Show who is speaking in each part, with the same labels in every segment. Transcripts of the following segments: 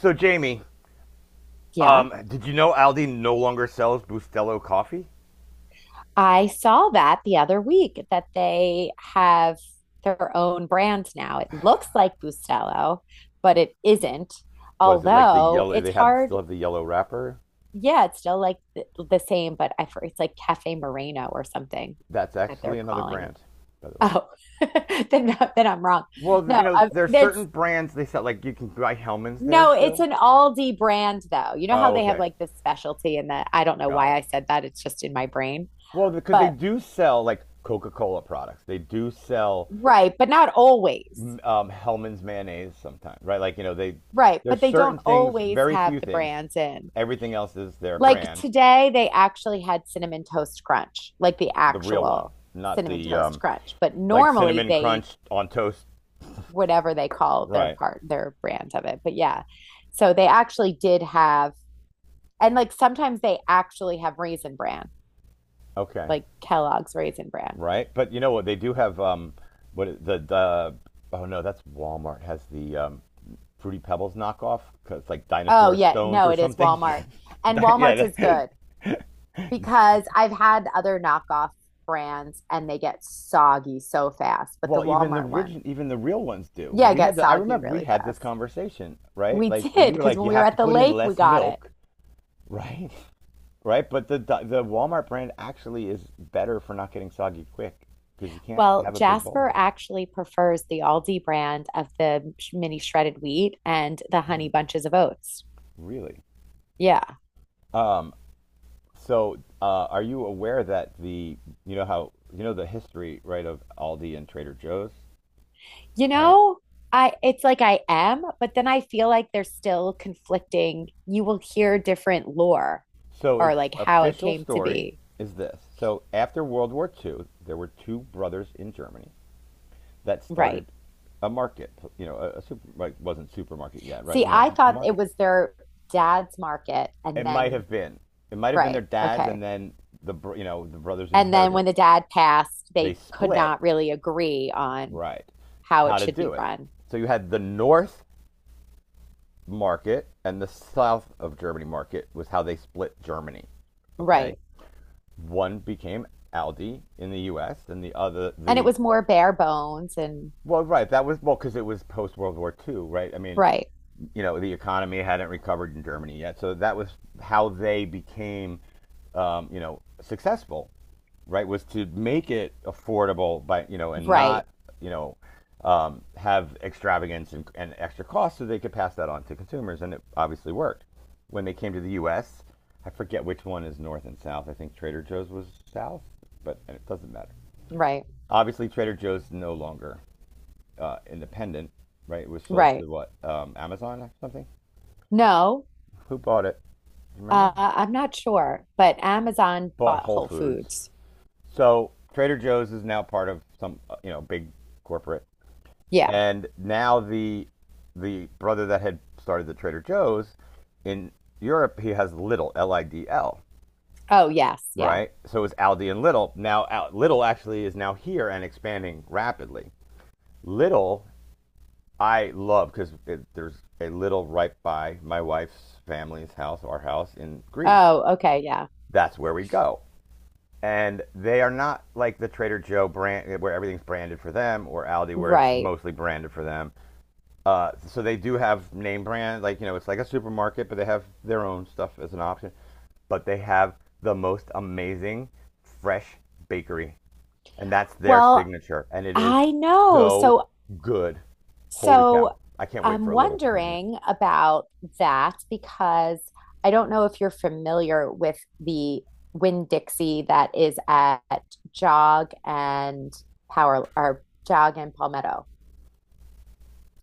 Speaker 1: So, Jamie,
Speaker 2: Yeah.
Speaker 1: did you know Aldi no longer sells Bustelo coffee?
Speaker 2: I saw that the other week that they have their own brand now. It looks like Bustelo, but it isn't.
Speaker 1: What is it, like the
Speaker 2: Although
Speaker 1: yellow?
Speaker 2: it's
Speaker 1: They have still
Speaker 2: hard.
Speaker 1: have the yellow wrapper.
Speaker 2: Yeah, it's still like the same, but I for it's like Cafe Moreno or something
Speaker 1: That's
Speaker 2: that
Speaker 1: actually
Speaker 2: they're
Speaker 1: another
Speaker 2: calling it.
Speaker 1: brand, by the way.
Speaker 2: Oh, then I'm wrong.
Speaker 1: Well,
Speaker 2: No, I
Speaker 1: there's
Speaker 2: that's
Speaker 1: certain brands they sell. Like, you can buy Hellman's there
Speaker 2: no, it's
Speaker 1: still.
Speaker 2: an Aldi brand though. You know how
Speaker 1: Oh,
Speaker 2: they have
Speaker 1: okay,
Speaker 2: like this specialty and that I don't know
Speaker 1: got
Speaker 2: why
Speaker 1: it.
Speaker 2: I said that. It's just in my brain.
Speaker 1: Well, because they
Speaker 2: But
Speaker 1: do sell, like, Coca-Cola products. They do sell
Speaker 2: right, but not always.
Speaker 1: Hellman's mayonnaise sometimes, right? Like, you know, they
Speaker 2: Right,
Speaker 1: there's
Speaker 2: but they
Speaker 1: certain
Speaker 2: don't
Speaker 1: things,
Speaker 2: always
Speaker 1: very
Speaker 2: have
Speaker 1: few
Speaker 2: the
Speaker 1: things.
Speaker 2: brands in.
Speaker 1: Everything else is their
Speaker 2: Like
Speaker 1: brand,
Speaker 2: today, they actually had cinnamon toast crunch, like the
Speaker 1: the real one,
Speaker 2: actual
Speaker 1: not
Speaker 2: cinnamon
Speaker 1: the
Speaker 2: toast crunch. But
Speaker 1: like
Speaker 2: normally,
Speaker 1: cinnamon
Speaker 2: they
Speaker 1: crunch on toast.
Speaker 2: whatever they call their
Speaker 1: Right.
Speaker 2: part, their brand of it. But yeah, so they actually did have, and like sometimes they actually have raisin bran,
Speaker 1: Okay.
Speaker 2: like Kellogg's raisin bran.
Speaker 1: Right. But you know what? They do have. What is- the Oh no, that's Walmart has the fruity pebbles knockoff 'cause it's like
Speaker 2: Oh
Speaker 1: dinosaur
Speaker 2: yeah,
Speaker 1: stones
Speaker 2: no,
Speaker 1: or
Speaker 2: it is
Speaker 1: something.
Speaker 2: Walmart, and
Speaker 1: Yeah.
Speaker 2: Walmart's is good because I've had other knockoff brands and they get soggy so fast, but the
Speaker 1: Well, even the
Speaker 2: Walmart one.
Speaker 1: origin, even the real ones do.
Speaker 2: Yeah,
Speaker 1: We had
Speaker 2: get
Speaker 1: the I
Speaker 2: soggy
Speaker 1: remember we
Speaker 2: really
Speaker 1: had this
Speaker 2: fast.
Speaker 1: conversation, right?
Speaker 2: We
Speaker 1: Like,
Speaker 2: did
Speaker 1: you were
Speaker 2: because
Speaker 1: like,
Speaker 2: when
Speaker 1: you
Speaker 2: we were
Speaker 1: have to
Speaker 2: at the
Speaker 1: put in
Speaker 2: lake, we
Speaker 1: less
Speaker 2: got it.
Speaker 1: milk, right? Right, but the Walmart brand actually is better for not getting soggy quick, because you can't
Speaker 2: Well,
Speaker 1: have a big bowl of
Speaker 2: Jasper
Speaker 1: it.
Speaker 2: actually prefers the Aldi brand of the mini shredded wheat and the honey bunches of oats.
Speaker 1: Really?
Speaker 2: Yeah.
Speaker 1: So, are you aware that the you know how, you know, the history, right, of Aldi and Trader Joe's,
Speaker 2: You
Speaker 1: right?
Speaker 2: know, I it's like I am, but then I feel like there's still conflicting. You will hear different lore
Speaker 1: So
Speaker 2: or
Speaker 1: its
Speaker 2: like how it
Speaker 1: official
Speaker 2: came to
Speaker 1: story
Speaker 2: be.
Speaker 1: is this. So after World War II, there were two brothers in Germany that
Speaker 2: Right.
Speaker 1: started a market. You know, a super, like, wasn't supermarket yet, right?
Speaker 2: See,
Speaker 1: You know,
Speaker 2: I
Speaker 1: a
Speaker 2: thought it
Speaker 1: market.
Speaker 2: was their dad's market
Speaker 1: It
Speaker 2: and
Speaker 1: might
Speaker 2: then
Speaker 1: have been. It might have been their
Speaker 2: right.
Speaker 1: dads, and
Speaker 2: Okay.
Speaker 1: then you know, the brothers
Speaker 2: And then when
Speaker 1: inherited.
Speaker 2: the dad passed,
Speaker 1: They
Speaker 2: they could
Speaker 1: split,
Speaker 2: not really agree on
Speaker 1: right?
Speaker 2: how
Speaker 1: How
Speaker 2: it
Speaker 1: to
Speaker 2: should
Speaker 1: do
Speaker 2: be
Speaker 1: it?
Speaker 2: run.
Speaker 1: So you had the North market, and the south of Germany market, was how they split Germany. Okay,
Speaker 2: Right.
Speaker 1: one became Aldi in the U.S., and the other
Speaker 2: And it
Speaker 1: the,
Speaker 2: was more bare bones and
Speaker 1: well, right. That was, because it was post World War II, right? I mean,
Speaker 2: right,
Speaker 1: you know, the economy hadn't recovered in Germany yet, so that was how they became, successful, right? Was to make it affordable by, you know, and
Speaker 2: right,
Speaker 1: not, you know have extravagance and, extra costs, so they could pass that on to consumers, and it obviously worked. When they came to the U.S., I forget which one is north and south. I think Trader Joe's was south, but it doesn't matter.
Speaker 2: right,
Speaker 1: Obviously, Trader Joe's no longer independent, right? It was sold to
Speaker 2: right.
Speaker 1: what? Amazon or something?
Speaker 2: No,
Speaker 1: Who bought it? Do you remember?
Speaker 2: I'm not sure, but Amazon
Speaker 1: Bought
Speaker 2: bought
Speaker 1: Whole
Speaker 2: Whole
Speaker 1: Foods.
Speaker 2: Foods.
Speaker 1: So Trader Joe's is now part of some, big corporate.
Speaker 2: Yeah.
Speaker 1: And now the brother that had started the Trader Joe's in Europe, he has Little LIDL,
Speaker 2: Oh, yes. Yeah.
Speaker 1: right? So it was Aldi and Little. Now Little actually is now here and expanding rapidly. Little, I love, because there's a little right by my wife's family's house, our house in Greece.
Speaker 2: Oh, okay. Yeah.
Speaker 1: That's where we go. And they are not like the Trader Joe brand where everything's branded for them, or Aldi where it's
Speaker 2: Right.
Speaker 1: mostly branded for them. So they do have name brand, like, you know, it's like a supermarket, but they have their own stuff as an option. But they have the most amazing fresh bakery, and that's their
Speaker 2: Well,
Speaker 1: signature, and it is
Speaker 2: I know.
Speaker 1: so
Speaker 2: So
Speaker 1: good. Holy cow!
Speaker 2: So
Speaker 1: I can't wait for
Speaker 2: I'm
Speaker 1: a little to come here.
Speaker 2: wondering about that because I don't know if you're familiar with the Winn-Dixie that is at Jog and Power or Jog and Palmetto.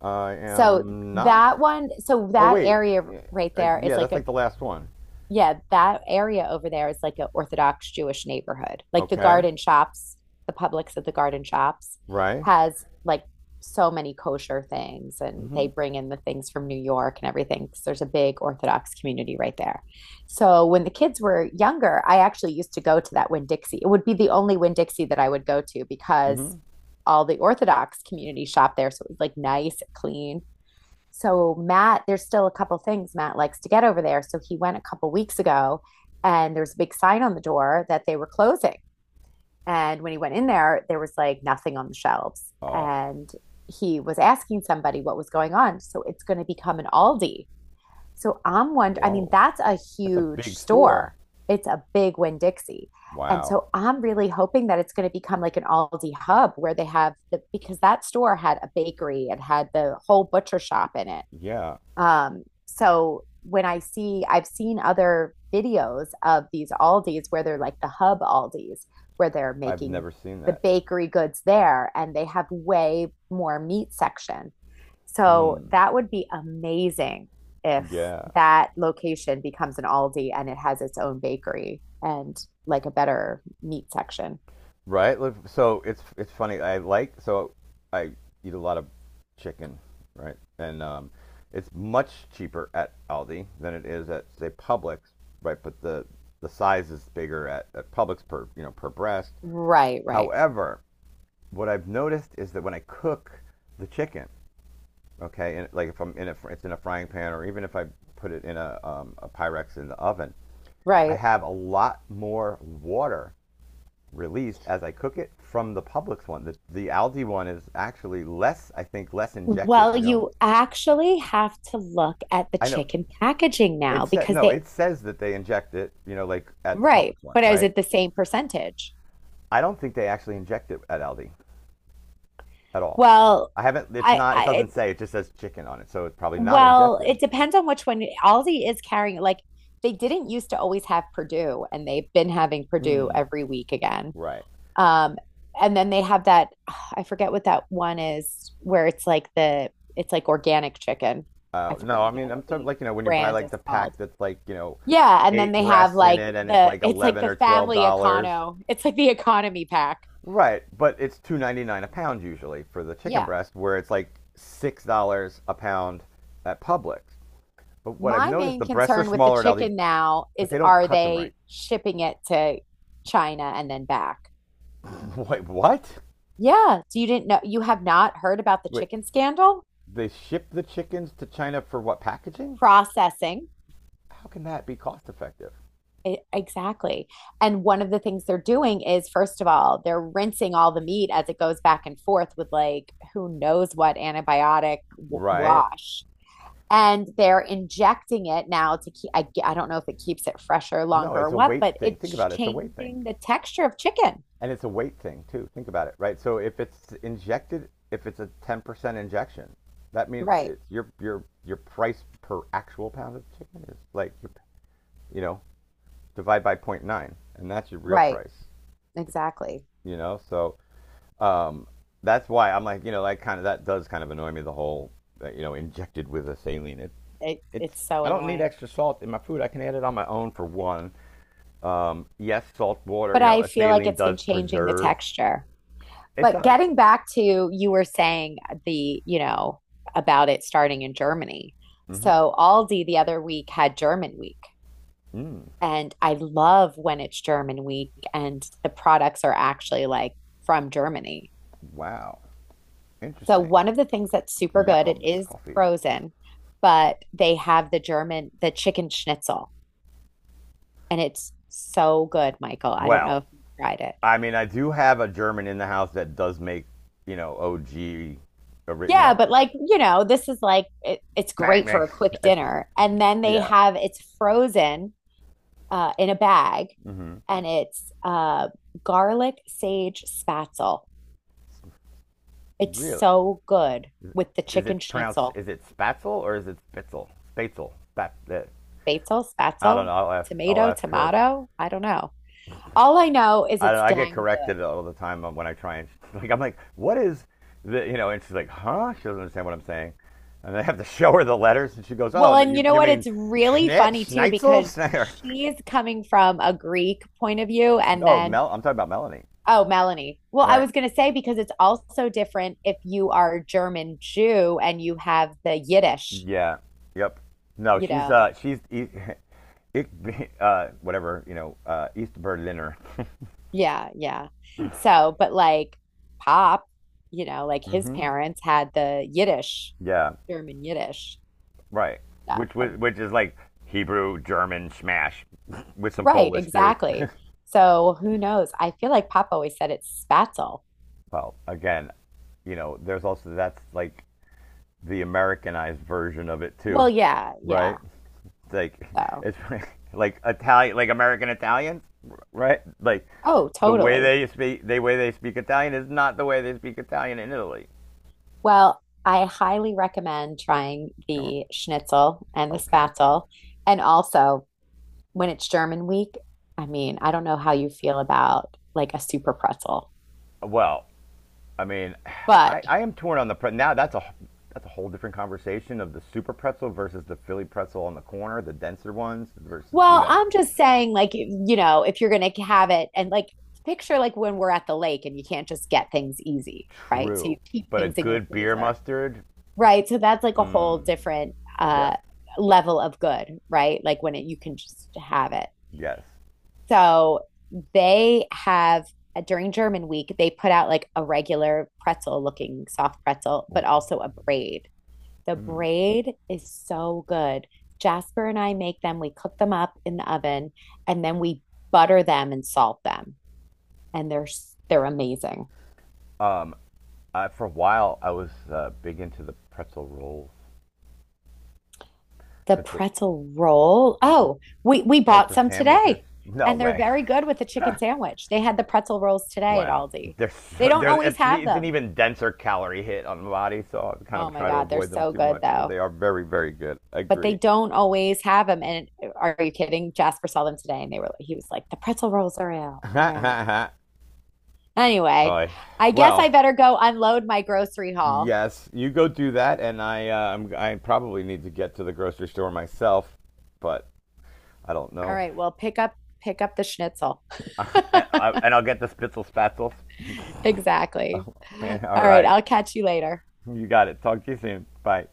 Speaker 1: I am not.
Speaker 2: So
Speaker 1: Oh
Speaker 2: that
Speaker 1: wait,
Speaker 2: area
Speaker 1: yeah,
Speaker 2: right there is
Speaker 1: yeah,
Speaker 2: like
Speaker 1: that's
Speaker 2: a
Speaker 1: like the last one.
Speaker 2: yeah, that area over there is like an Orthodox Jewish neighborhood. Like the
Speaker 1: Okay,
Speaker 2: garden shops, the Publix at the garden shops
Speaker 1: right?
Speaker 2: has like so many kosher things and they bring in the things from New York and everything, 'cause there's a big Orthodox community right there. So when the kids were younger, I actually used to go to that Winn-Dixie. It would be the only Winn-Dixie that I would go to
Speaker 1: Mm-hmm.
Speaker 2: because all the Orthodox community shop there. So it was like nice, clean. So Matt, there's still a couple things Matt likes to get over there. So he went a couple weeks ago and there was a big sign on the door that they were closing. And when he went in there, there was like nothing on the shelves.
Speaker 1: Oh,
Speaker 2: And he was asking somebody what was going on. So it's going to become an Aldi. So I'm wondering, I mean,
Speaker 1: whoa,
Speaker 2: that's a
Speaker 1: that's a
Speaker 2: huge
Speaker 1: big store.
Speaker 2: store. It's a big Winn Dixie. And
Speaker 1: Wow.
Speaker 2: so I'm really hoping that it's going to become like an Aldi hub where they have because that store had a bakery, and had the whole butcher shop in it.
Speaker 1: Yeah,
Speaker 2: So when I've seen other videos of these Aldis where they're like the hub Aldis, where they're
Speaker 1: I've
Speaker 2: making
Speaker 1: never seen
Speaker 2: the
Speaker 1: that.
Speaker 2: bakery goods there and they have way more meat section. So
Speaker 1: Hmm.
Speaker 2: that would be amazing if
Speaker 1: Yeah.
Speaker 2: that location becomes an Aldi and it has its own bakery and like a better meat section.
Speaker 1: Right. So it's funny. I, like, so I eat a lot of chicken, right? And it's much cheaper at Aldi than it is at, say, Publix, right? But the size is bigger at Publix, per you know per breast.
Speaker 2: Right, right,
Speaker 1: However, what I've noticed is that when I cook the chicken, okay, and like, if I'm in a it's in a frying pan, or even if I put it in a Pyrex in the oven, I
Speaker 2: right.
Speaker 1: have a lot more water released as I cook it from the Publix one. The Aldi one is actually less, I think, less injected.
Speaker 2: Well,
Speaker 1: You know,
Speaker 2: you actually have to look at the
Speaker 1: I know,
Speaker 2: chicken packaging now
Speaker 1: it said,
Speaker 2: because
Speaker 1: no,
Speaker 2: they
Speaker 1: it says that they inject it. You know, like at the
Speaker 2: Right.
Speaker 1: Publix one,
Speaker 2: But is
Speaker 1: right?
Speaker 2: it the same percentage?
Speaker 1: I don't think they actually inject it at Aldi at all.
Speaker 2: Well,
Speaker 1: I haven't. It's
Speaker 2: I,
Speaker 1: not. It
Speaker 2: I,
Speaker 1: doesn't say. It just says chicken on it, so it's probably not injected.
Speaker 2: it depends on which one. Aldi is carrying, like, they didn't used to always have Purdue, and they've been having Purdue
Speaker 1: Mm,
Speaker 2: every week again.
Speaker 1: right.
Speaker 2: Um, and then they have that, I forget what that one is, where it's like it's like organic chicken. I forget
Speaker 1: No, I
Speaker 2: what
Speaker 1: mean, I'm
Speaker 2: the
Speaker 1: talking,
Speaker 2: Aldi
Speaker 1: like, when you buy,
Speaker 2: brand
Speaker 1: like,
Speaker 2: is
Speaker 1: the pack
Speaker 2: called.
Speaker 1: that's like,
Speaker 2: Yeah. And then
Speaker 1: eight
Speaker 2: they have
Speaker 1: breasts in
Speaker 2: like
Speaker 1: it, and it's like
Speaker 2: it's like
Speaker 1: eleven
Speaker 2: the
Speaker 1: or twelve
Speaker 2: family
Speaker 1: dollars.
Speaker 2: econo, it's like the economy pack.
Speaker 1: Right, but it's 2.99 a pound usually for the chicken
Speaker 2: Yeah.
Speaker 1: breast, where it's like $6 a pound at Publix. But what I've
Speaker 2: My
Speaker 1: noticed,
Speaker 2: main
Speaker 1: the breasts are
Speaker 2: concern with the
Speaker 1: smaller at Aldi,
Speaker 2: chicken now
Speaker 1: but
Speaker 2: is
Speaker 1: they don't
Speaker 2: are
Speaker 1: cut them
Speaker 2: they
Speaker 1: right.
Speaker 2: shipping it to China and then back?
Speaker 1: Wait, what?
Speaker 2: Yeah. So you didn't know, you have not heard about the
Speaker 1: Wait,
Speaker 2: chicken scandal?
Speaker 1: they ship the chickens to China for what, packaging?
Speaker 2: Processing.
Speaker 1: How can that be cost effective?
Speaker 2: Exactly. And one of the things they're doing is, first of all, they're rinsing all the meat as it goes back and forth with like who knows what antibiotic
Speaker 1: Right?
Speaker 2: wash. And they're injecting it now to keep, I don't know if it keeps it fresher,
Speaker 1: No,
Speaker 2: longer,
Speaker 1: it's
Speaker 2: or
Speaker 1: a
Speaker 2: what,
Speaker 1: weight
Speaker 2: but
Speaker 1: thing.
Speaker 2: it's
Speaker 1: Think about it. It's a weight thing.
Speaker 2: changing the texture of chicken.
Speaker 1: And it's a weight thing too. Think about it, right? So if it's injected, if it's a 10% injection, that means
Speaker 2: Right.
Speaker 1: it's your price per actual pound of chicken is, like, you know divide by zero point 0.9, and that's your real
Speaker 2: Right,
Speaker 1: price.
Speaker 2: exactly.
Speaker 1: You know, so um, that's why I'm, like, you know, like, kind of, that does kind of annoy me, the whole, injected with a saline. It,
Speaker 2: It,
Speaker 1: it's
Speaker 2: it's so
Speaker 1: I don't need
Speaker 2: annoying.
Speaker 1: extra salt in my food. I can add it on my own, for one. Yes, salt water,
Speaker 2: But I
Speaker 1: a
Speaker 2: feel like
Speaker 1: saline
Speaker 2: it's been
Speaker 1: does
Speaker 2: changing the
Speaker 1: preserve.
Speaker 2: texture.
Speaker 1: It
Speaker 2: But
Speaker 1: does.
Speaker 2: getting back to you were saying the, you know, about it starting in Germany.
Speaker 1: Hmm.
Speaker 2: So Aldi the other week had German week. And I love when it's German week and the products are actually like from Germany.
Speaker 1: Wow.
Speaker 2: So
Speaker 1: Interesting.
Speaker 2: one of the things that's super good, it
Speaker 1: Jacobs
Speaker 2: is
Speaker 1: coffee.
Speaker 2: frozen, but they have the German, the chicken schnitzel and it's so good, Michael. I don't know
Speaker 1: Well,
Speaker 2: if you tried it.
Speaker 1: I mean, I do have a German in the house that does make, OG, ori- you
Speaker 2: Yeah,
Speaker 1: know,
Speaker 2: but like, you know, this is like it's
Speaker 1: bang
Speaker 2: great for
Speaker 1: bang.
Speaker 2: a quick dinner. And then they
Speaker 1: Yeah,
Speaker 2: have it's frozen in a bag and it's garlic sage spatzel. It's
Speaker 1: really.
Speaker 2: so good with the
Speaker 1: Is
Speaker 2: chicken
Speaker 1: it pronounced?
Speaker 2: schnitzel.
Speaker 1: Is it Spatzel or is it Spitzel? Spatzel. Spat.
Speaker 2: Basil,
Speaker 1: I don't know.
Speaker 2: spatzel,
Speaker 1: I'll ask. I'll
Speaker 2: tomato,
Speaker 1: ask her.
Speaker 2: tomato. I don't know. All I know is
Speaker 1: I don't
Speaker 2: it's
Speaker 1: know, I get
Speaker 2: dang good.
Speaker 1: corrected all the time when I try, and like, I'm like, what is the? You know? And she's like, huh? She doesn't understand what I'm saying, and I have to show her the letters, and she goes, oh,
Speaker 2: Well,
Speaker 1: no,
Speaker 2: and you
Speaker 1: you
Speaker 2: know
Speaker 1: you
Speaker 2: what?
Speaker 1: mean
Speaker 2: It's really funny too
Speaker 1: Schnitzel?
Speaker 2: because she's coming from a Greek point of view. And
Speaker 1: No,
Speaker 2: then,
Speaker 1: Mel. I'm talking about Melanie,
Speaker 2: oh, Melanie. Well, I
Speaker 1: right?
Speaker 2: was going to say because it's also different if you are German Jew and you have the Yiddish,
Speaker 1: Yeah. Yep. No,
Speaker 2: you
Speaker 1: she's
Speaker 2: know?
Speaker 1: uh, she's ik, whatever, you know, East Berliner.
Speaker 2: Yeah, yeah. So, but like Pop, you know, like his
Speaker 1: Hmm.
Speaker 2: parents had the Yiddish,
Speaker 1: Yeah.
Speaker 2: German Yiddish
Speaker 1: Right.
Speaker 2: stuff.
Speaker 1: Which was which is like, Hebrew, German, smash, with some
Speaker 2: Right,
Speaker 1: Polish too.
Speaker 2: exactly. So who knows? I feel like Pop always said it's spatzel.
Speaker 1: Well, again, you know, there's also, that's like the Americanized version of it too,
Speaker 2: Well, yeah, yeah.
Speaker 1: right? Like,
Speaker 2: So.
Speaker 1: it's like Italian, like American Italians, right? Like
Speaker 2: Oh,
Speaker 1: the way
Speaker 2: totally.
Speaker 1: they speak, the way they speak Italian is not the way they speak Italian in Italy.
Speaker 2: Well, I highly recommend trying
Speaker 1: Oh,
Speaker 2: the schnitzel and the
Speaker 1: okay.
Speaker 2: spatzel. And also, when it's German week, I mean, I don't know how you feel about like a super pretzel,
Speaker 1: Well, I mean,
Speaker 2: but
Speaker 1: I am torn on now. That's a whole different conversation of the super pretzel versus the Philly pretzel on the corner, the denser ones versus,
Speaker 2: well, I'm just saying, like, you know, if you're going to have it and like picture like when we're at the lake and you can't just get things easy, right? So you
Speaker 1: true.
Speaker 2: keep
Speaker 1: But a
Speaker 2: things in your
Speaker 1: good beer
Speaker 2: freezer,
Speaker 1: mustard,
Speaker 2: right? So that's like a whole different
Speaker 1: yes,
Speaker 2: level of good, right? Like when it, you can just have it.
Speaker 1: yes.
Speaker 2: So they have during German week, they put out like a regular pretzel looking soft pretzel, but also a braid. The braid is so good. Jasper and I make them, we cook them up in the oven, and then we butter them and salt them. And they're amazing.
Speaker 1: For a while, I was big into the pretzel rolls,
Speaker 2: The
Speaker 1: but the
Speaker 2: pretzel roll. Oh, we
Speaker 1: like
Speaker 2: bought
Speaker 1: for
Speaker 2: some
Speaker 1: sandwiches?
Speaker 2: today.
Speaker 1: No
Speaker 2: And they're
Speaker 1: way.
Speaker 2: very good with the chicken sandwich. They had the pretzel rolls today at
Speaker 1: Wow.
Speaker 2: Aldi. They don't
Speaker 1: There's
Speaker 2: always have
Speaker 1: It's an
Speaker 2: them.
Speaker 1: even denser calorie hit on the body, so I kind
Speaker 2: Oh
Speaker 1: of
Speaker 2: my
Speaker 1: try to
Speaker 2: God, they're
Speaker 1: avoid them
Speaker 2: so
Speaker 1: too
Speaker 2: good
Speaker 1: much, but
Speaker 2: though.
Speaker 1: they are very very good.
Speaker 2: But they
Speaker 1: Agree.
Speaker 2: don't always have them. And are you kidding? Jasper saw them today and they were, he was like, the pretzel rolls are out, are out. Anyway,
Speaker 1: Oy.
Speaker 2: I guess I
Speaker 1: Well,
Speaker 2: better go unload my grocery haul.
Speaker 1: yes, you go do that, and I probably need to get to the grocery store myself, but I don't
Speaker 2: All
Speaker 1: know.
Speaker 2: right. Well, pick up the schnitzel.
Speaker 1: And, I'll get the spitzel spatzels.
Speaker 2: Exactly. All
Speaker 1: Man, all
Speaker 2: right.
Speaker 1: right,
Speaker 2: I'll catch you later.
Speaker 1: you got it. Talk to you soon. Bye.